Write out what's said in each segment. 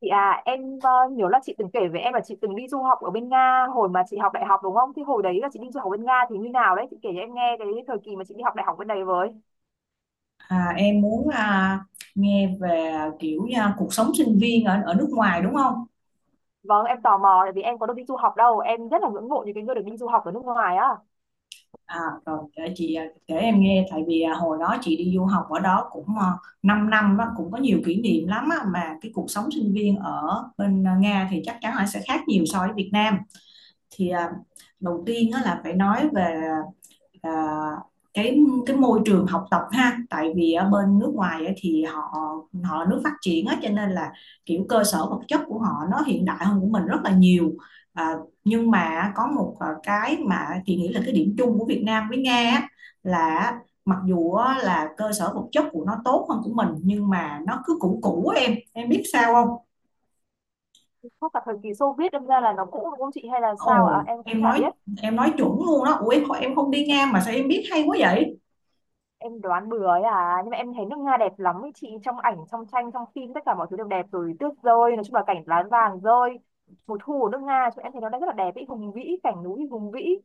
Chị à, em nhớ là chị từng kể với em là chị từng đi du học ở bên Nga hồi mà chị học đại học đúng không? Thì hồi đấy là chị đi du học bên Nga thì như nào đấy? Chị kể cho em nghe cái thời kỳ mà chị đi học đại học bên đấy với. Em muốn nghe về, kiểu, cuộc sống sinh viên ở ở nước ngoài đúng không? Vâng, em tò mò tại vì em có được đi du học đâu. Em rất là ngưỡng mộ những cái người được đi du học ở nước ngoài á. À, Rồi để chị, kể em nghe tại vì, hồi đó chị đi du học ở đó cũng 5 năm đó, cũng có nhiều kỷ niệm lắm á, mà cái cuộc sống sinh viên ở bên, Nga thì chắc chắn là sẽ khác nhiều so với Việt Nam. Thì, đầu tiên á là phải nói về, à, cái cái môi trường học tập ha, tại vì ở bên nước ngoài thì họ họ nước phát triển á cho nên là kiểu cơ sở vật chất của họ nó hiện đại hơn của mình rất là nhiều. à, nhưng mà có một, cái mà chị nghĩ là cái điểm chung của Việt Nam với Nga á, là mặc dù á, là cơ sở vật chất của nó tốt hơn của mình nhưng mà nó cứ cũ cũ á, em biết sao không? Chắc là thời kỳ Xô Viết đâm ra là nó cũ đúng không chị hay là sao Ồ, ạ? Em cũng em chả nói biết. em nói chuẩn luôn đó. Ủa em không đi Nga mà sao em biết hay quá vậy? Em đoán bừa ấy à. Nhưng mà em thấy nước Nga đẹp lắm ấy chị. Trong ảnh, trong tranh, trong phim tất cả mọi thứ đều đẹp rồi. Tuyết rơi, nói chung là cảnh lá vàng rơi. Mùa thu ở nước Nga, chúng em thấy nó đang rất là đẹp ý, hùng vĩ, cảnh núi hùng vĩ.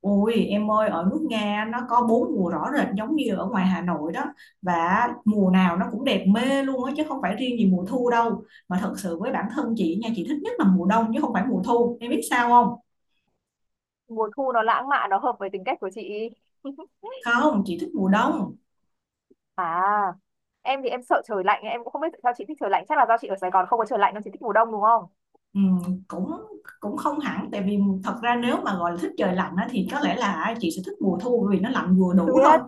Ôi em ơi, ở nước Nga nó có bốn mùa rõ rệt giống như ở ngoài Hà Nội đó, và mùa nào nó cũng đẹp mê luôn á, chứ không phải riêng gì mùa thu đâu. Mà thật sự với bản thân chị nha, chị thích nhất là mùa đông chứ không phải mùa thu, em biết sao không? Mùa thu nó lãng mạn, nó hợp với tính cách của chị. Không, chị thích mùa đông. À, em thì em sợ trời lạnh, em cũng không biết tại sao chị thích trời lạnh, chắc là do chị ở Sài Gòn không có trời lạnh nên chị thích mùa đông đúng không? Cũng cũng không hẳn, tại vì thật ra nếu mà gọi là thích trời lạnh á, thì có lẽ là chị sẽ thích mùa thu bởi vì nó lạnh vừa đủ thôi. Tuyết.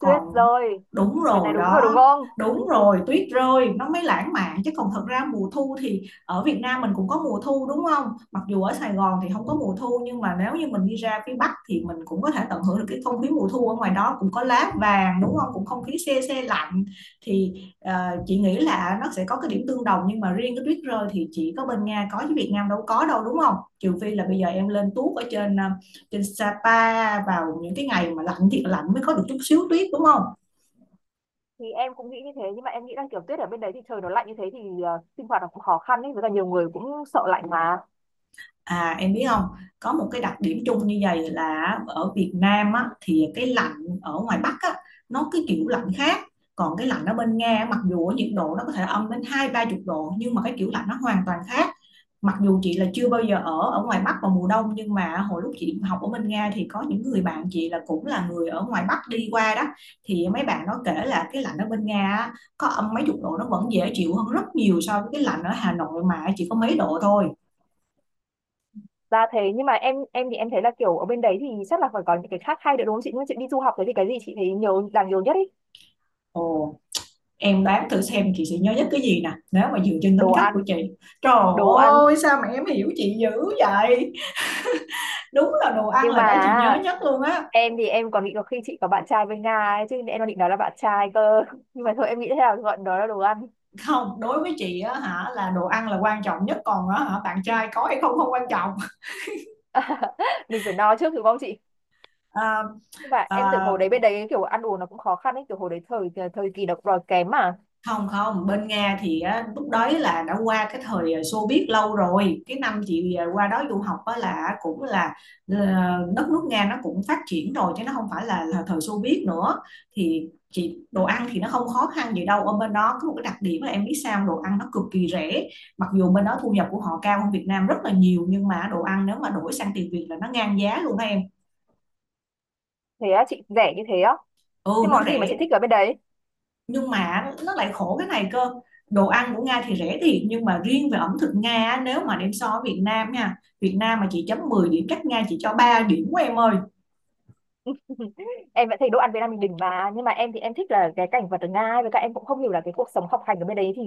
Tuyết rồi. đúng Lần này rồi đúng rồi đúng đó. không? Đúng rồi, tuyết rơi nó mới lãng mạn chứ, còn thật ra mùa thu thì ở Việt Nam mình cũng có mùa thu đúng không. Mặc dù ở Sài Gòn thì không có mùa thu nhưng mà nếu như mình đi ra phía Bắc thì mình cũng có thể tận hưởng được cái không khí mùa thu ở ngoài đó, cũng có lá vàng đúng không, cũng không khí se se lạnh. Thì ờ, chị nghĩ là nó sẽ có cái điểm tương đồng, nhưng mà riêng cái tuyết rơi thì chỉ có bên Nga có chứ Việt Nam đâu có đâu đúng không? Trừ phi là bây giờ em lên tuốt ở trên, trên Sapa vào những cái ngày mà lạnh thiệt lạnh mới có được chút xíu tuyết đúng không? Thì em cũng nghĩ như thế, nhưng mà em nghĩ là kiểu tuyết ở bên đấy thì trời nó lạnh như thế thì sinh hoạt nó cũng khó khăn ấy, với cả nhiều người cũng sợ lạnh mà. À em biết không, có một cái đặc điểm chung như vậy là ở Việt Nam á, thì cái lạnh ở ngoài Bắc á, nó cái kiểu lạnh khác. Còn cái lạnh ở bên Nga á, mặc dù ở nhiệt độ nó có thể âm đến hai ba chục độ nhưng mà cái kiểu lạnh nó hoàn toàn khác. Mặc dù chị là chưa bao giờ ở ở ngoài Bắc vào mùa đông nhưng mà hồi lúc chị học ở bên Nga thì có những người bạn chị là cũng là người ở ngoài Bắc đi qua đó, thì mấy bạn nó kể là cái lạnh ở bên Nga á, có âm mấy chục độ nó vẫn dễ chịu hơn rất nhiều so với cái lạnh ở Hà Nội mà chỉ có mấy độ thôi. Ra thế, nhưng mà em thì em thấy là kiểu ở bên đấy thì chắc là phải có những cái khác hay nữa đúng không chị? Nhưng mà chị đi du học thế thì cái gì chị thấy nhiều, đáng nhiều nhất ấy? Ồ. Em đoán thử xem chị sẽ nhớ nhất cái gì nè, nếu mà dựa trên Đồ tính cách của ăn. chị. Trời Đồ ăn. ơi, sao mà em hiểu chị dữ vậy! Đúng là đồ ăn Nhưng là cái mà chị nhớ nhất luôn á. em thì em còn nghĩ có khi chị có bạn trai bên Nga ấy, chứ em đang định nói là bạn trai cơ. Nhưng mà thôi, em nghĩ thế nào gọi đó là đồ ăn. Không, đối với chị á hả, là đồ ăn là quan trọng nhất. Còn á hả, bạn trai có hay không không quan trọng. Mình phải no trước đúng không chị? à, Và em tưởng hồi à, đấy bên đấy kiểu ăn uống nó cũng khó khăn ấy, kiểu hồi đấy thời thời kỳ nó cũng đói kém mà. Không không, bên Nga thì á, lúc đấy là đã qua cái thời Xô Viết lâu rồi, cái năm chị, qua đó du học á, là cũng là ờ, đất nước Nga nó cũng phát triển rồi chứ nó không phải là thời Xô Viết nữa. Thì chị đồ ăn thì nó không khó khăn gì đâu, ở bên đó có một cái đặc điểm là em biết sao không? Đồ ăn nó cực kỳ rẻ, mặc dù bên đó thu nhập của họ cao hơn Việt Nam rất là nhiều nhưng mà đồ ăn nếu mà đổi sang tiền Việt là nó ngang giá luôn đó em. Thế á chị, rẻ như thế á? Thế Ừ nó món gì mà chị rẻ. thích ở bên đấy? Nhưng mà nó lại khổ cái này cơ, đồ ăn của Nga thì rẻ thiệt nhưng mà riêng về ẩm thực Nga á, nếu mà đem so với Việt Nam nha, Việt Nam mà chị chấm 10 điểm cách Nga chỉ cho 3 điểm của em ơi. Em vẫn thấy đồ ăn Việt Nam mình đỉnh mà, nhưng mà em thì em thích là cái cảnh vật ở Nga ấy, với cả em cũng không hiểu là cái cuộc sống học hành ở bên đấy thì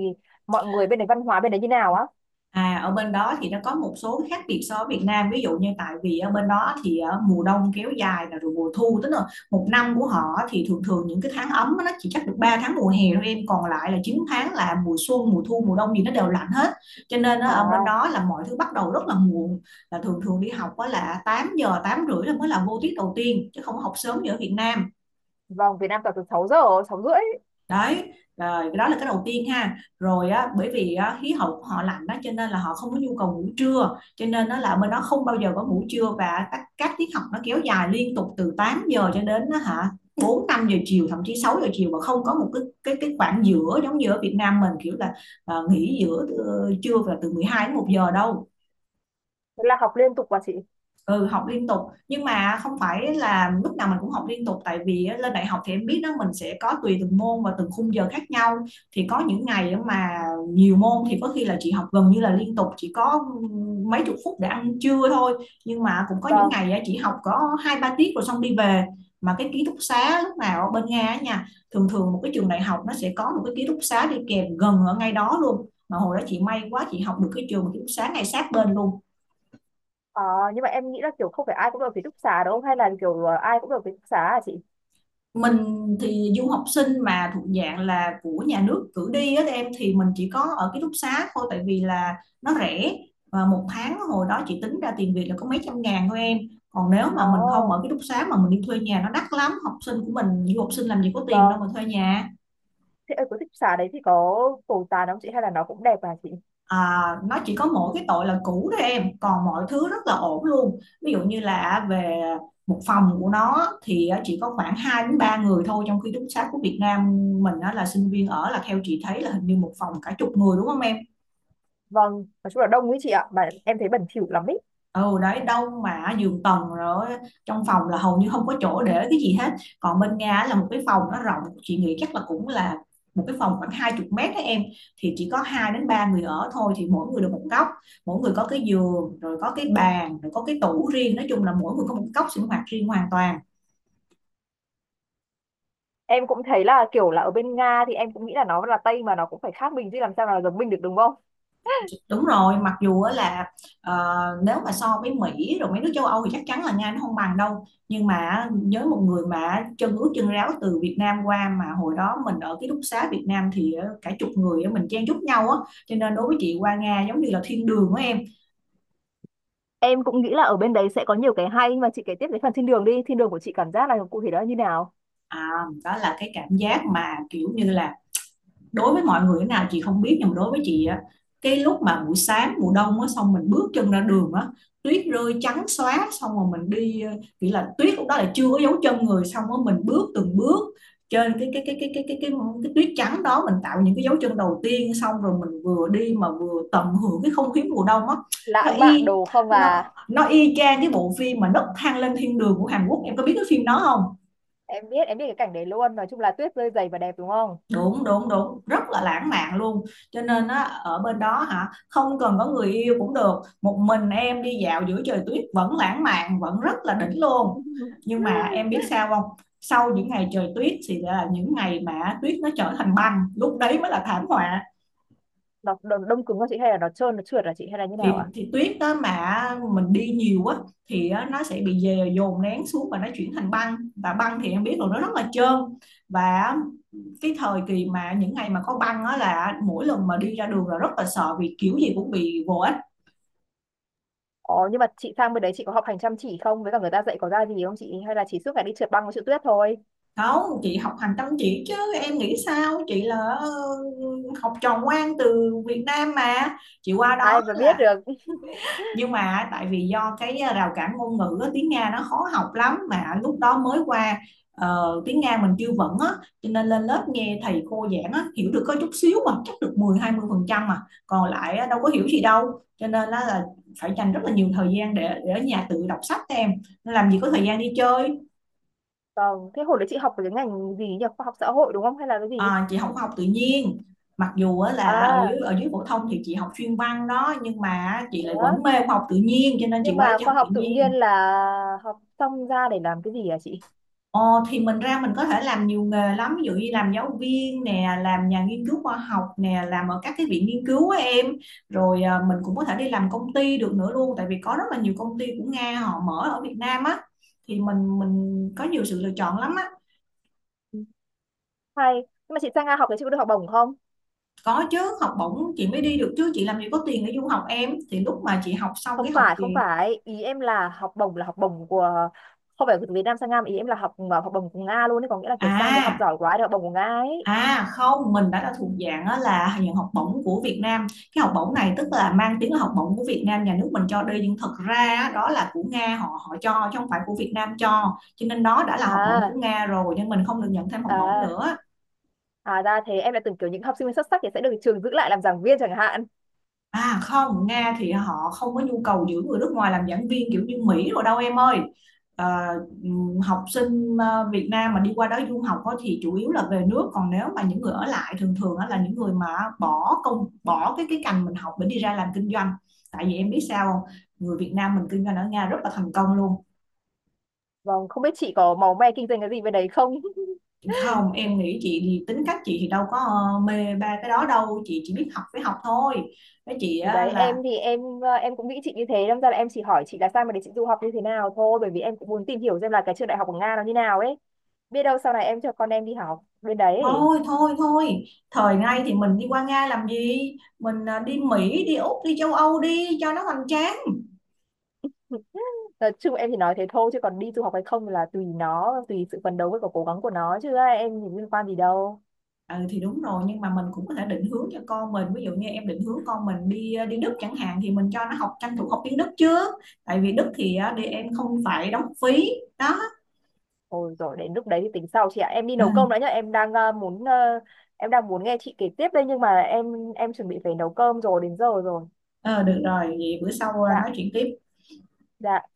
mọi người bên đấy, văn hóa bên đấy như nào á. À, ở bên đó thì nó có một số khác biệt so với Việt Nam, ví dụ như tại vì ở bên đó thì mùa đông kéo dài là rồi mùa thu tức là một năm của họ thì thường thường những cái tháng ấm á, nó chỉ chắc được 3 tháng mùa hè thôi em, còn lại là 9 tháng là mùa xuân mùa thu mùa đông gì nó đều lạnh hết. Cho nên á, ở bên À, đó là mọi thứ bắt đầu rất là muộn, là thường thường đi học á là 8 giờ 8 rưỡi là mới là vô tiết đầu tiên chứ không có học sớm như ở Việt Nam. vâng, Việt Nam toàn từ 6 giờ, 6 rưỡi. Đấy rồi, cái đó là cái đầu tiên ha. Rồi á, bởi vì á, khí hậu của họ lạnh đó cho nên là họ không có nhu cầu ngủ trưa, cho nên nó là bên đó không bao giờ có ngủ trưa, và các tiết học nó kéo dài liên tục từ 8 giờ cho đến á, hả, 4 5 giờ chiều thậm chí 6 giờ chiều, mà không có một cái cái khoảng giữa giống như ở Việt Nam mình kiểu là nghỉ giữa trưa và từ 12 đến một giờ đâu. Thế là học liên tục mà chị. Ừ học liên tục, nhưng mà không phải là lúc nào mình cũng học liên tục tại vì á, lên đại học thì em biết đó mình sẽ có tùy từng môn và từng khung giờ khác nhau. Thì có những ngày á mà nhiều môn thì có khi là chị học gần như là liên tục, chỉ có mấy chục phút để ăn trưa thôi, nhưng mà cũng có những Vâng. ngày á, chị học có hai ba tiết rồi xong đi về. Mà cái ký túc xá lúc nào ở bên Nga á nha, thường thường một cái trường đại học nó sẽ có một cái ký túc xá đi kèm gần ở ngay đó luôn, mà hồi đó chị may quá chị học được cái trường ký túc xá ngay sát bên luôn. Ờ, nhưng mà em nghĩ là kiểu không phải ai cũng được ký túc xá đúng không? Hay là kiểu ai cũng được ký túc xá hả chị? Mình thì du học sinh mà thuộc dạng là của nhà nước cử đi á em, thì mình chỉ có ở ký túc xá thôi tại vì là nó rẻ, và một tháng hồi đó chị tính ra tiền Việt là có mấy trăm ngàn thôi em. Còn nếu mà mình không Ồ, ở ký túc xá mà mình đi thuê nhà nó đắt lắm, học sinh của mình du học sinh làm gì có tiền đâu vâng. mà thuê nhà. Thế ở cái ký túc xá đấy thì có cầu tàn không chị? Hay là nó cũng đẹp hả chị? À, nó chỉ có mỗi cái tội là cũ thôi em, còn mọi thứ rất là ổn luôn. Ví dụ như là về một phòng của nó thì chỉ có khoảng 2 đến 3 người thôi, trong khi túc xá của Việt Nam mình á, là sinh viên ở là theo chị thấy là hình như một phòng cả chục người đúng không em. Vâng, nói chung là đông ấy chị ạ. Mà em thấy bẩn thỉu lắm ý. Ừ đấy, đông mà giường tầng rồi, trong phòng là hầu như không có chỗ để cái gì hết. Còn bên Nga là một cái phòng nó rộng, chị nghĩ chắc là cũng là một cái phòng khoảng 20 mét đấy em, thì chỉ có hai đến ba người ở thôi, thì mỗi người được một góc, mỗi người có cái giường rồi có cái bàn rồi có cái tủ riêng, nói chung là mỗi người có một góc sinh hoạt riêng hoàn toàn. Em cũng thấy là kiểu là ở bên Nga thì em cũng nghĩ là nó là Tây mà nó cũng phải khác mình chứ làm sao là giống mình được đúng không? Đúng rồi, mặc dù á là ờ, nếu mà so với Mỹ rồi mấy nước châu Âu thì chắc chắn là Nga nó không bằng đâu, nhưng mà với một người mà chân ướt chân ráo từ Việt Nam qua mà hồi đó mình ở ký túc xá Việt Nam thì cả chục người á, mình chen chúc nhau á, cho nên đối với chị qua Nga giống như là thiên đường của em. Em cũng nghĩ là ở bên đấy sẽ có nhiều cái hay, nhưng mà chị kể tiếp cái phần thiên đường đi. Thiên đường của chị cảm giác là cụ thể đó là như nào? à, Đó là cái cảm giác mà kiểu như là đối với mọi người thế nào chị không biết, nhưng mà đối với chị á, cái lúc mà buổi sáng mùa đông á xong mình bước chân ra đường á, tuyết rơi trắng xóa, xong rồi mình đi, nghĩa là tuyết lúc đó là chưa có dấu chân người, xong rồi mình bước từng bước trên cái tuyết trắng đó mình tạo những cái dấu chân đầu tiên xong rồi mình vừa đi mà vừa tận hưởng cái không khí mùa đông á. nó Lãng mạn y đồ không nó à? nó y chang cái bộ phim mà nấc thang lên thiên đường của Hàn Quốc, em có biết cái phim đó không? Em biết cái cảnh đấy luôn. Nói chung là tuyết rơi dày và đẹp đúng không? Đúng, đúng, đúng, rất là lãng mạn luôn. Cho nên á, ở bên đó hả, không cần có người yêu cũng được, một mình em đi dạo giữa trời tuyết vẫn lãng mạn, vẫn rất là đỉnh luôn. Nhưng mà em biết sao không? Sau những ngày trời tuyết thì là những ngày mà tuyết nó trở thành băng, lúc đấy mới là thảm họa. Nó đông cứng không chị hay là nó trơn nó trượt là chị hay là như nào thì, ạ? thì tuyết đó mà mình đi nhiều quá thì á, nó sẽ bị dồn nén xuống và nó chuyển thành băng, và băng thì em biết rồi, nó rất là trơn. Và cái thời kỳ mà những ngày mà có băng á là mỗi lần mà đi ra đường là rất là sợ, vì kiểu gì cũng bị vô ích. Ồ, nhưng mà chị sang bên đấy chị có học hành chăm chỉ không, với cả người ta dạy có ra gì không chị, hay là chỉ suốt ngày đi trượt băng với trượt tuyết thôi? Không, chị học hành chăm chỉ chứ. Em nghĩ sao, chị là học trò ngoan từ Việt Nam mà chị qua Ai đó mà biết là. được. Nhưng mà tại vì do cái rào cản ngôn ngữ, tiếng Nga nó khó học lắm, mà lúc đó mới qua, tiếng Nga mình chưa vững á, cho nên lên lớp nghe thầy cô giảng á hiểu được có chút xíu, mà chắc được 10-20%, mà còn lại đâu có hiểu gì đâu, cho nên á là phải dành rất là nhiều thời gian để ở nhà tự đọc sách em, làm gì có thời gian đi chơi. Vâng, thế hồi đấy chị học về cái ngành gì nhỉ, khoa học xã hội đúng không hay là cái gì? À, chị không học tự nhiên, mặc dù là ở dưới À, ở dưới phổ thông thì chị học chuyên văn đó, nhưng mà chị thế lại á? vẫn mê học tự nhiên cho nên chị Nhưng qua đây mà chị khoa học tự học tự nhiên nhiên. là học xong ra để làm cái gì à chị? Ờ, thì mình ra mình có thể làm nhiều nghề lắm, ví dụ như làm giáo viên nè, làm nhà nghiên cứu khoa học nè, làm ở các cái viện nghiên cứu á em. Rồi à, mình cũng có thể đi làm công ty được nữa luôn, tại vì có rất là nhiều công ty của Nga họ mở ở Việt Nam á, thì mình có nhiều sự lựa chọn lắm á. Ừ, hay. Nhưng mà chị sang Nga học thì chị có được học bổng không? Có chứ, học bổng chị mới đi được chứ, chị làm gì có tiền để du học em, thì lúc mà chị học xong Không cái học phải, kỳ không phải, ý em là học bổng của, không phải từ Việt Nam sang Nga, mà ý em là học học bổng của Nga luôn đấy, có nghĩa là kiểu sang để học à. giỏi quá để học bổng của Nga ấy. À không, mình đã là thuộc dạng á, là nhận học bổng của Việt Nam. Cái học bổng này tức là mang tiếng là học bổng của Việt Nam, nhà nước mình cho đi, nhưng thật ra á, đó là của Nga, họ họ cho chứ không phải của Việt Nam cho. Cho nên đó đã là học bổng của À, Nga rồi, nhưng mình không được nhận thêm học bổng à, nữa. à ra thế, em đã tưởng kiểu những học sinh xuất sắc thì sẽ được trường giữ lại làm giảng viên chẳng hạn. À không, Nga thì họ không có nhu cầu giữ người nước ngoài làm giảng viên kiểu như Mỹ rồi đâu em ơi. Ờ, học sinh Việt Nam mà đi qua đó du học á thì chủ yếu là về nước, còn nếu mà những người ở lại thường thường á là những người mà bỏ công bỏ cái ngành mình học để đi ra làm kinh doanh, tại vì em biết sao không? Người Việt Nam mình kinh doanh ở Nga rất là thành công luôn. Vâng, không biết chị có máu me kinh doanh cái gì bên đấy không? Không, em nghĩ chị thì tính cách chị thì đâu có mê ba cái đó đâu, chị chỉ biết học với học thôi. Với chị Thì á đấy, em là thì em ờ, em cũng nghĩ chị như thế, đâm ra là em chỉ hỏi chị là sao mà để chị du học như thế nào thôi, bởi vì em cũng muốn tìm hiểu xem là cái trường đại học của Nga nó như nào ấy. Biết đâu sau này em cho con em đi học bên đấy ấy. thôi thôi thôi, thời nay thì mình đi qua Nga làm gì, mình à, đi Mỹ, đi Úc, đi châu Âu đi cho nó hoành tráng. Nói chung em chỉ nói thế thôi, chứ còn đi du học hay không là tùy nó, tùy sự phấn đấu với cả cố gắng của nó, chứ ai, em thì liên quan gì đâu. Ừ thì đúng rồi, nhưng mà mình cũng có thể định hướng cho con mình, ví dụ như em định hướng con mình đi à, đi Đức chẳng hạn thì mình cho nó học, tranh thủ học tiếng Đức trước, tại vì Đức thì à, đi em không phải đóng phí. Đó. Ôi rồi đến lúc đấy thì tính sau chị ạ. Em đi nấu cơm Ừ, đã nhá. Em đang ờ, muốn ờ, em đang muốn nghe chị kể tiếp đây, nhưng mà em chuẩn bị phải nấu cơm rồi, đến giờ rồi. ờ, được rồi, vậy bữa sau à, Dạ. nói chuyện tiếp. Dạ.